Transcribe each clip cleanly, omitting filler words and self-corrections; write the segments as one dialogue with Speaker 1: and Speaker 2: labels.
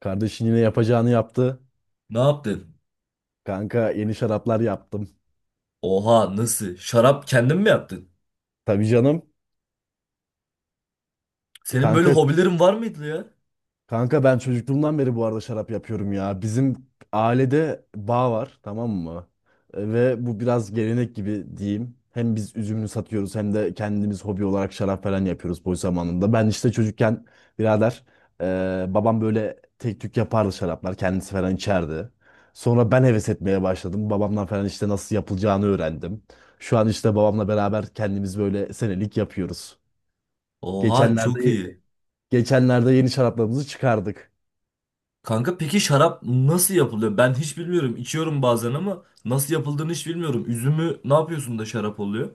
Speaker 1: Kardeşin yine yapacağını yaptı.
Speaker 2: Ne yaptın?
Speaker 1: Kanka yeni şaraplar yaptım.
Speaker 2: Oha nasıl? Şarap kendin mi yaptın?
Speaker 1: Tabii canım.
Speaker 2: Senin böyle
Speaker 1: Kanka
Speaker 2: hobilerin var mıydı ya?
Speaker 1: Kanka ben çocukluğumdan beri bu arada şarap yapıyorum ya. Bizim ailede bağ var, tamam mı? Ve bu biraz gelenek gibi diyeyim. Hem biz üzümünü satıyoruz hem de kendimiz hobi olarak şarap falan yapıyoruz boş zamanında. Ben işte çocukken birader babam böyle tek tük yapardı, şaraplar kendisi falan içerdi. Sonra ben heves etmeye başladım. Babamdan falan işte nasıl yapılacağını öğrendim. Şu an işte babamla beraber kendimiz böyle senelik yapıyoruz.
Speaker 2: Oha
Speaker 1: Geçenlerde
Speaker 2: çok iyi.
Speaker 1: geçenlerde yeni şaraplarımızı çıkardık.
Speaker 2: Kanka peki şarap nasıl yapılıyor? Ben hiç bilmiyorum. İçiyorum bazen ama nasıl yapıldığını hiç bilmiyorum. Üzümü ne yapıyorsun da şarap oluyor?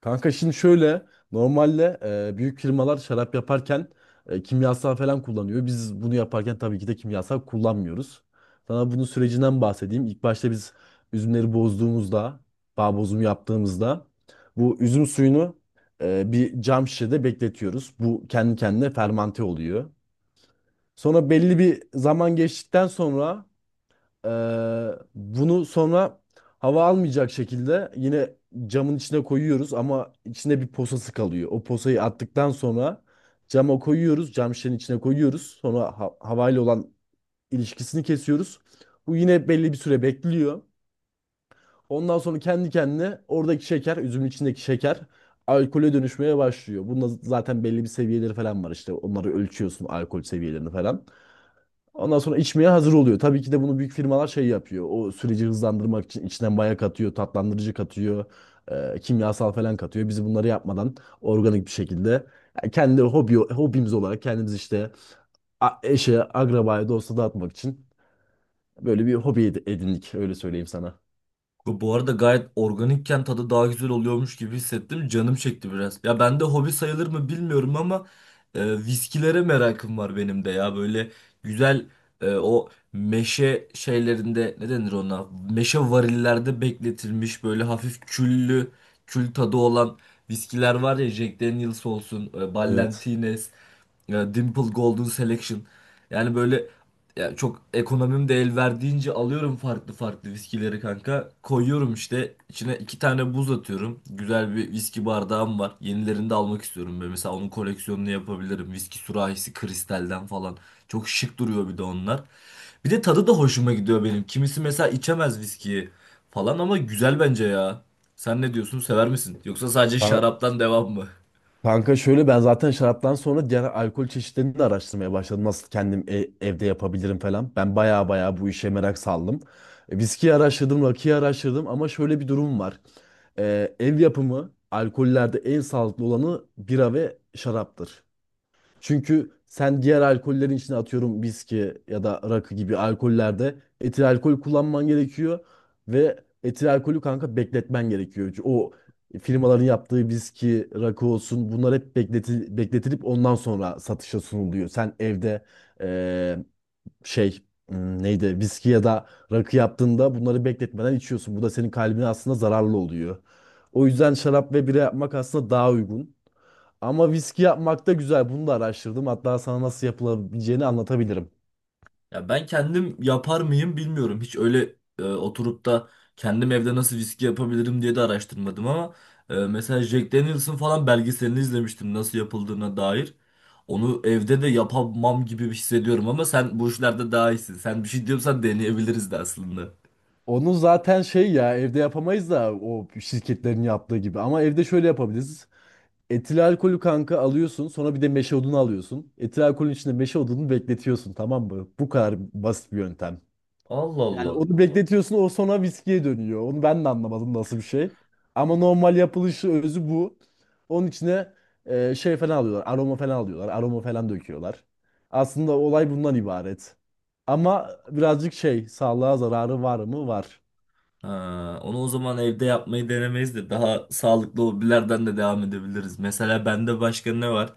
Speaker 1: Kanka şimdi şöyle, normalde büyük firmalar şarap yaparken kimyasal falan kullanıyor. Biz bunu yaparken tabii ki de kimyasal kullanmıyoruz. Sana bunun sürecinden bahsedeyim. İlk başta biz üzümleri bozduğumuzda, bağ bozumu yaptığımızda bu üzüm suyunu bir cam şişede bekletiyoruz. Bu kendi kendine fermante oluyor. Sonra belli bir zaman geçtikten sonra bunu sonra hava almayacak şekilde yine camın içine koyuyoruz ama içinde bir posası kalıyor. O posayı attıktan sonra cama koyuyoruz, cam şişenin içine koyuyoruz. Sonra havayla olan ilişkisini kesiyoruz. Bu yine belli bir süre bekliyor. Ondan sonra kendi kendine oradaki şeker, üzümün içindeki şeker alkole dönüşmeye başlıyor. Bunda zaten belli bir seviyeleri falan var işte. Onları ölçüyorsun, alkol seviyelerini falan. Ondan sonra içmeye hazır oluyor. Tabii ki de bunu büyük firmalar şey yapıyor. O süreci hızlandırmak için içinden maya katıyor, tatlandırıcı katıyor, kimyasal falan katıyor. Biz bunları yapmadan organik bir şekilde, yani kendi hobimiz olarak kendimiz işte eşe, akrabaya, dosta dağıtmak için böyle bir hobi edindik. Öyle söyleyeyim sana.
Speaker 2: Bu arada gayet organikken tadı daha güzel oluyormuş gibi hissettim. Canım çekti biraz. Ya bende hobi sayılır mı bilmiyorum ama viskilere merakım var benim de ya. Böyle güzel o meşe şeylerinde ne denir ona? Meşe varillerde bekletilmiş böyle hafif küllü, kül tadı olan viskiler var ya. Jack Daniel's olsun,
Speaker 1: Evet.
Speaker 2: Ballantines. Ya Dimple Golden Selection. Yani böyle ya çok ekonomim de el verdiğince alıyorum farklı farklı viskileri kanka. Koyuyorum işte içine iki tane buz atıyorum. Güzel bir viski bardağım var. Yenilerini de almak istiyorum. Böyle mesela onun koleksiyonunu yapabilirim. Viski sürahisi kristalden falan. Çok şık duruyor bir de onlar. Bir de tadı da hoşuma gidiyor benim. Kimisi mesela içemez viskiyi falan ama güzel bence ya. Sen ne diyorsun? Sever misin? Yoksa sadece
Speaker 1: Ha-
Speaker 2: şaraptan devam mı?
Speaker 1: Kanka şöyle, ben zaten şaraptan sonra diğer alkol çeşitlerini de araştırmaya başladım. Nasıl kendim evde yapabilirim falan. Ben baya baya bu işe merak saldım. Viskiyi araştırdım, rakıyı araştırdım ama şöyle bir durum var. Ev yapımı alkollerde en sağlıklı olanı bira ve şaraptır. Çünkü sen diğer alkollerin içine atıyorum, viski ya da rakı gibi alkollerde etil alkol kullanman gerekiyor ve etil alkolü kanka bekletmen gerekiyor. Çünkü o firmaların yaptığı viski, rakı olsun bunlar hep bekletilip ondan sonra satışa sunuluyor. Sen evde eee, şey neydi, viski ya da rakı yaptığında bunları bekletmeden içiyorsun. Bu da senin kalbine aslında zararlı oluyor. O yüzden şarap ve bira yapmak aslında daha uygun. Ama viski yapmak da güzel. Bunu da araştırdım. Hatta sana nasıl yapılabileceğini anlatabilirim.
Speaker 2: Ya ben kendim yapar mıyım bilmiyorum. Hiç öyle oturup da kendim evde nasıl viski yapabilirim diye de araştırmadım ama mesela Jack Daniels'ın falan belgeselini izlemiştim nasıl yapıldığına dair. Onu evde de yapamam gibi hissediyorum ama sen bu işlerde daha iyisin. Sen bir şey diyorsan deneyebiliriz de aslında.
Speaker 1: Onu zaten şey ya, evde yapamayız da o şirketlerin yaptığı gibi. Ama evde şöyle yapabiliriz. Etil alkolü kanka alıyorsun. Sonra bir de meşe odunu alıyorsun. Etil alkolün içinde meşe odunu bekletiyorsun. Tamam mı? Bu kadar basit bir yöntem.
Speaker 2: Allah
Speaker 1: Yani
Speaker 2: Allah.
Speaker 1: onu bekletiyorsun, o sonra viskiye dönüyor. Onu ben de anlamadım nasıl bir şey. Ama normal yapılışı özü bu. Onun içine şey falan alıyorlar. Aroma falan alıyorlar. Aroma falan döküyorlar. Aslında olay bundan ibaret. Ama birazcık şey, sağlığa zararı var mı? Var.
Speaker 2: Ha, onu o zaman evde yapmayı denemeyiz de daha sağlıklı hobilerden de devam edebiliriz. Mesela bende başka ne var?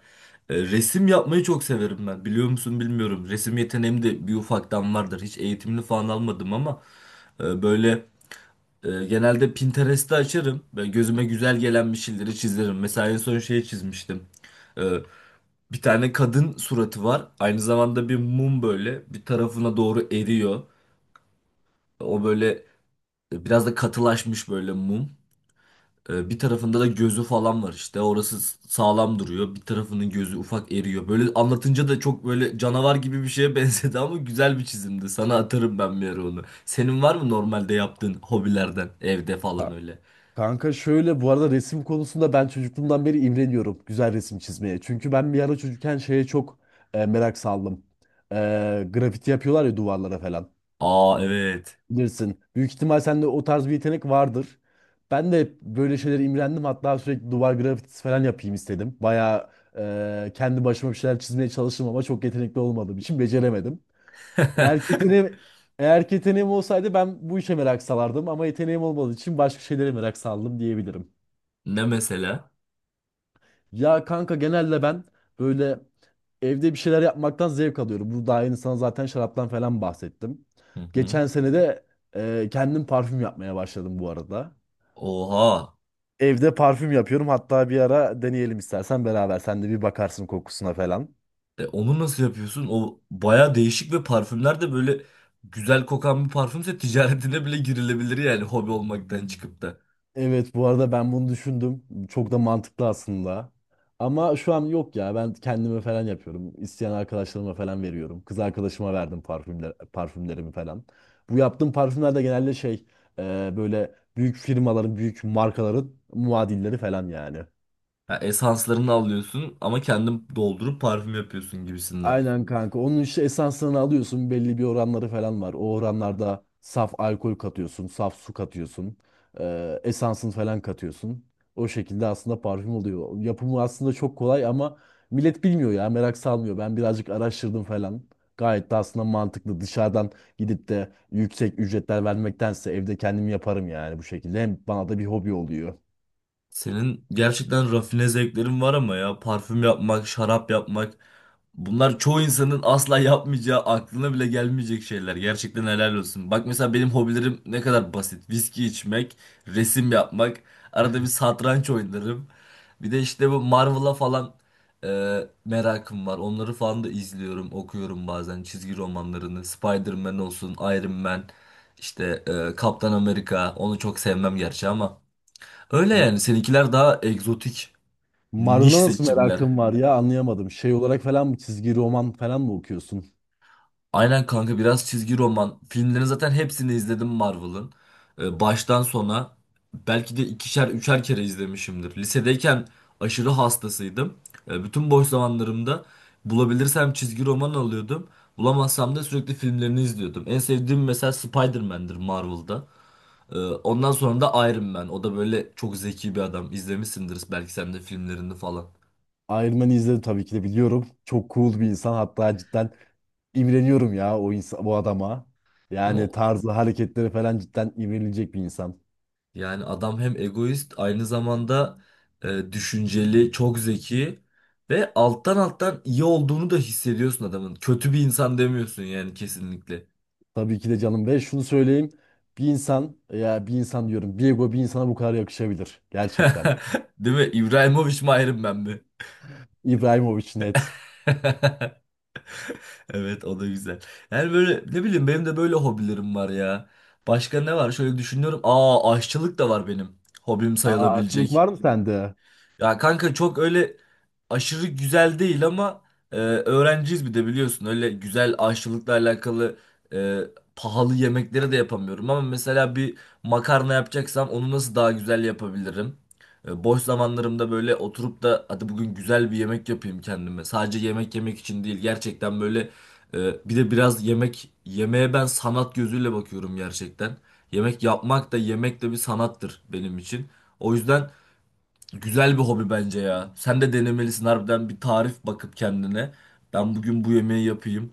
Speaker 2: E, resim yapmayı çok severim ben. Biliyor musun bilmiyorum. Resim yeteneğim de bir ufaktan vardır. Hiç eğitimli falan almadım ama böyle genelde Pinterest'i açarım. Ve gözüme güzel gelen bir şeyleri çizerim. Mesela en son şeyi çizmiştim. E, bir tane kadın suratı var. Aynı zamanda bir mum böyle bir tarafına doğru eriyor. O böyle biraz da katılaşmış böyle mum. Bir tarafında da gözü falan var işte. Orası sağlam duruyor. Bir tarafının gözü ufak eriyor. Böyle anlatınca da çok böyle canavar gibi bir şeye benzedi ama güzel bir çizimdi. Sana atarım ben bir ara onu. Senin var mı normalde yaptığın hobilerden evde falan
Speaker 1: Ha,
Speaker 2: öyle?
Speaker 1: Kanka şöyle bu arada resim konusunda ben çocukluğumdan beri imreniyorum güzel resim çizmeye. Çünkü ben bir ara çocukken şeye çok merak saldım. E, Grafiti yapıyorlar ya duvarlara falan,
Speaker 2: Aa, evet.
Speaker 1: bilirsin. Büyük ihtimal sende o tarz bir yetenek vardır. Ben de hep böyle şeylere imrendim. Hatta sürekli duvar grafitisi falan yapayım istedim. Bayağı kendi başıma bir şeyler çizmeye çalıştım ama çok yetenekli olmadığım için beceremedim. Eğer ki yeteneğim, eğer ki yeteneğim olsaydı ben bu işe merak salardım ama yeteneğim olmadığı için başka şeylere merak saldım diyebilirim.
Speaker 2: Ne mesela?
Speaker 1: Ya kanka genelde ben böyle evde bir şeyler yapmaktan zevk alıyorum. Bu daha yeni sana zaten şaraptan falan bahsettim.
Speaker 2: Hı hı.
Speaker 1: Geçen sene de kendim parfüm yapmaya başladım bu arada.
Speaker 2: Oha.
Speaker 1: Evde parfüm yapıyorum. Hatta bir ara deneyelim istersen beraber. Sen de bir bakarsın kokusuna falan.
Speaker 2: Onu nasıl yapıyorsun? O baya değişik ve parfümler de böyle güzel kokan bir parfümse ticaretine bile girilebilir yani hobi olmaktan çıkıp da.
Speaker 1: Evet, bu arada ben bunu düşündüm. Çok da mantıklı aslında. Ama şu an yok ya. Ben kendime falan yapıyorum. İsteyen arkadaşlarıma falan veriyorum. Kız arkadaşıma verdim parfümlerimi falan. Bu yaptığım parfümler de genelde şey, böyle büyük firmaların, büyük markaların muadilleri falan yani.
Speaker 2: Ha, esanslarını alıyorsun ama kendin doldurup parfüm yapıyorsun gibisinden.
Speaker 1: Aynen kanka. Onun işte esansını alıyorsun. Belli bir oranları falan var. O oranlarda saf alkol katıyorsun, saf su katıyorsun. Esansını falan katıyorsun. O şekilde aslında parfüm oluyor. Yapımı aslında çok kolay ama millet bilmiyor ya. Merak salmıyor. Ben birazcık araştırdım falan. Gayet de aslında mantıklı. Dışarıdan gidip de yüksek ücretler vermektense evde kendim yaparım yani bu şekilde. Hem bana da bir hobi oluyor.
Speaker 2: Senin gerçekten rafine zevklerin var ama ya parfüm yapmak, şarap yapmak bunlar çoğu insanın asla yapmayacağı, aklına bile gelmeyecek şeyler. Gerçekten helal olsun. Bak mesela benim hobilerim ne kadar basit. Viski içmek, resim yapmak, arada bir satranç oynarım. Bir de işte bu Marvel'a falan merakım var. Onları falan da izliyorum, okuyorum bazen çizgi romanlarını. Spider-Man olsun, Iron Man, işte Kaptan Amerika. Onu çok sevmem gerçi ama. Öyle
Speaker 1: M-
Speaker 2: yani seninkiler daha egzotik, niş
Speaker 1: Marvel'a nasıl
Speaker 2: seçimler.
Speaker 1: merakın var ya, anlayamadım. Şey olarak falan mı, çizgi roman falan mı okuyorsun?
Speaker 2: Aynen kanka biraz çizgi roman. Filmlerin zaten hepsini izledim Marvel'ın. Baştan sona belki de ikişer üçer kere izlemişimdir. Lisedeyken aşırı hastasıydım. Bütün boş zamanlarımda bulabilirsem çizgi roman alıyordum. Bulamazsam da sürekli filmlerini izliyordum. En sevdiğim mesela Spider-Man'dir Marvel'da. Ondan sonra da Iron Man. O da böyle çok zeki bir adam. İzlemişsindir belki sen de filmlerini falan.
Speaker 1: Iron Man'i izledim, tabii ki de biliyorum. Çok cool bir insan. Hatta cidden imreniyorum ya o insan, bu adama.
Speaker 2: Değil mi?
Speaker 1: Yani tarzı, hareketleri falan cidden imrenilecek bir insan.
Speaker 2: Yani adam hem egoist aynı zamanda düşünceli, çok zeki ve alttan alttan iyi olduğunu da hissediyorsun adamın. Kötü bir insan demiyorsun yani kesinlikle.
Speaker 1: Tabii ki de canım, ve şunu söyleyeyim. Bir insan ya, bir insan diyorum. Bir ego bir insana bu kadar yakışabilir. Gerçekten.
Speaker 2: Değil mi? İbrahimovic mi ayrım ben mi?
Speaker 1: İbrahimovic net.
Speaker 2: Evet o da güzel. Yani böyle ne bileyim benim de böyle hobilerim var ya. Başka ne var? Şöyle düşünüyorum. Aa, aşçılık da var benim. Hobim
Speaker 1: Aa, açılık
Speaker 2: sayılabilecek.
Speaker 1: var mı sende?
Speaker 2: Ya kanka çok öyle aşırı güzel değil ama öğrenciyiz bir de biliyorsun. Öyle güzel aşçılıkla alakalı e, pahalı yemekleri de yapamıyorum. Ama mesela bir makarna yapacaksam onu nasıl daha güzel yapabilirim? Boş zamanlarımda böyle oturup da hadi bugün güzel bir yemek yapayım kendime. Sadece yemek yemek için değil gerçekten böyle bir de biraz yemek yemeğe ben sanat gözüyle bakıyorum gerçekten. Yemek yapmak da yemek de bir sanattır benim için. O yüzden... Güzel bir hobi bence ya. Sen de denemelisin harbiden bir tarif bakıp kendine. Ben bugün bu yemeği yapayım.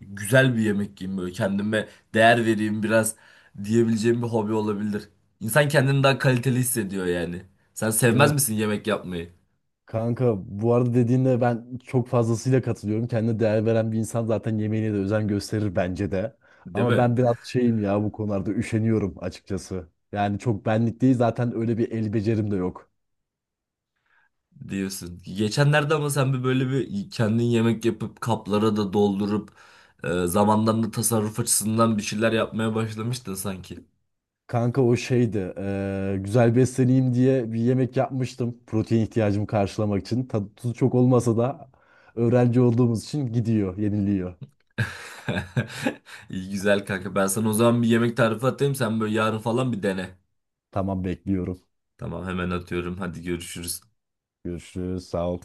Speaker 2: Güzel bir yemek yiyeyim böyle kendime değer vereyim biraz diyebileceğim bir hobi olabilir. İnsan kendini daha kaliteli hissediyor yani. Sen sevmez
Speaker 1: Evet.
Speaker 2: misin yemek yapmayı?
Speaker 1: Kanka bu arada dediğinde ben çok fazlasıyla katılıyorum. Kendine değer veren bir insan zaten yemeğine de özen gösterir bence de.
Speaker 2: Değil
Speaker 1: Ama
Speaker 2: mi?
Speaker 1: ben biraz şeyim ya bu konularda, üşeniyorum açıkçası. Yani çok benlik değil, zaten öyle bir el becerim de yok.
Speaker 2: Diyorsun. Geçenlerde ama sen bir böyle bir kendin yemek yapıp kaplara da doldurup zamandan da tasarruf açısından bir şeyler yapmaya başlamıştın sanki.
Speaker 1: Kanka o şeydi güzel besleneyim diye bir yemek yapmıştım. Protein ihtiyacımı karşılamak için. Tadı tuzu çok olmasa da öğrenci olduğumuz için gidiyor, yeniliyor.
Speaker 2: İyi güzel kanka. Ben sana o zaman bir yemek tarifi atayım. Sen böyle yarın falan bir dene.
Speaker 1: Tamam, bekliyorum.
Speaker 2: Tamam hemen atıyorum. Hadi görüşürüz.
Speaker 1: Görüşürüz, sağ ol.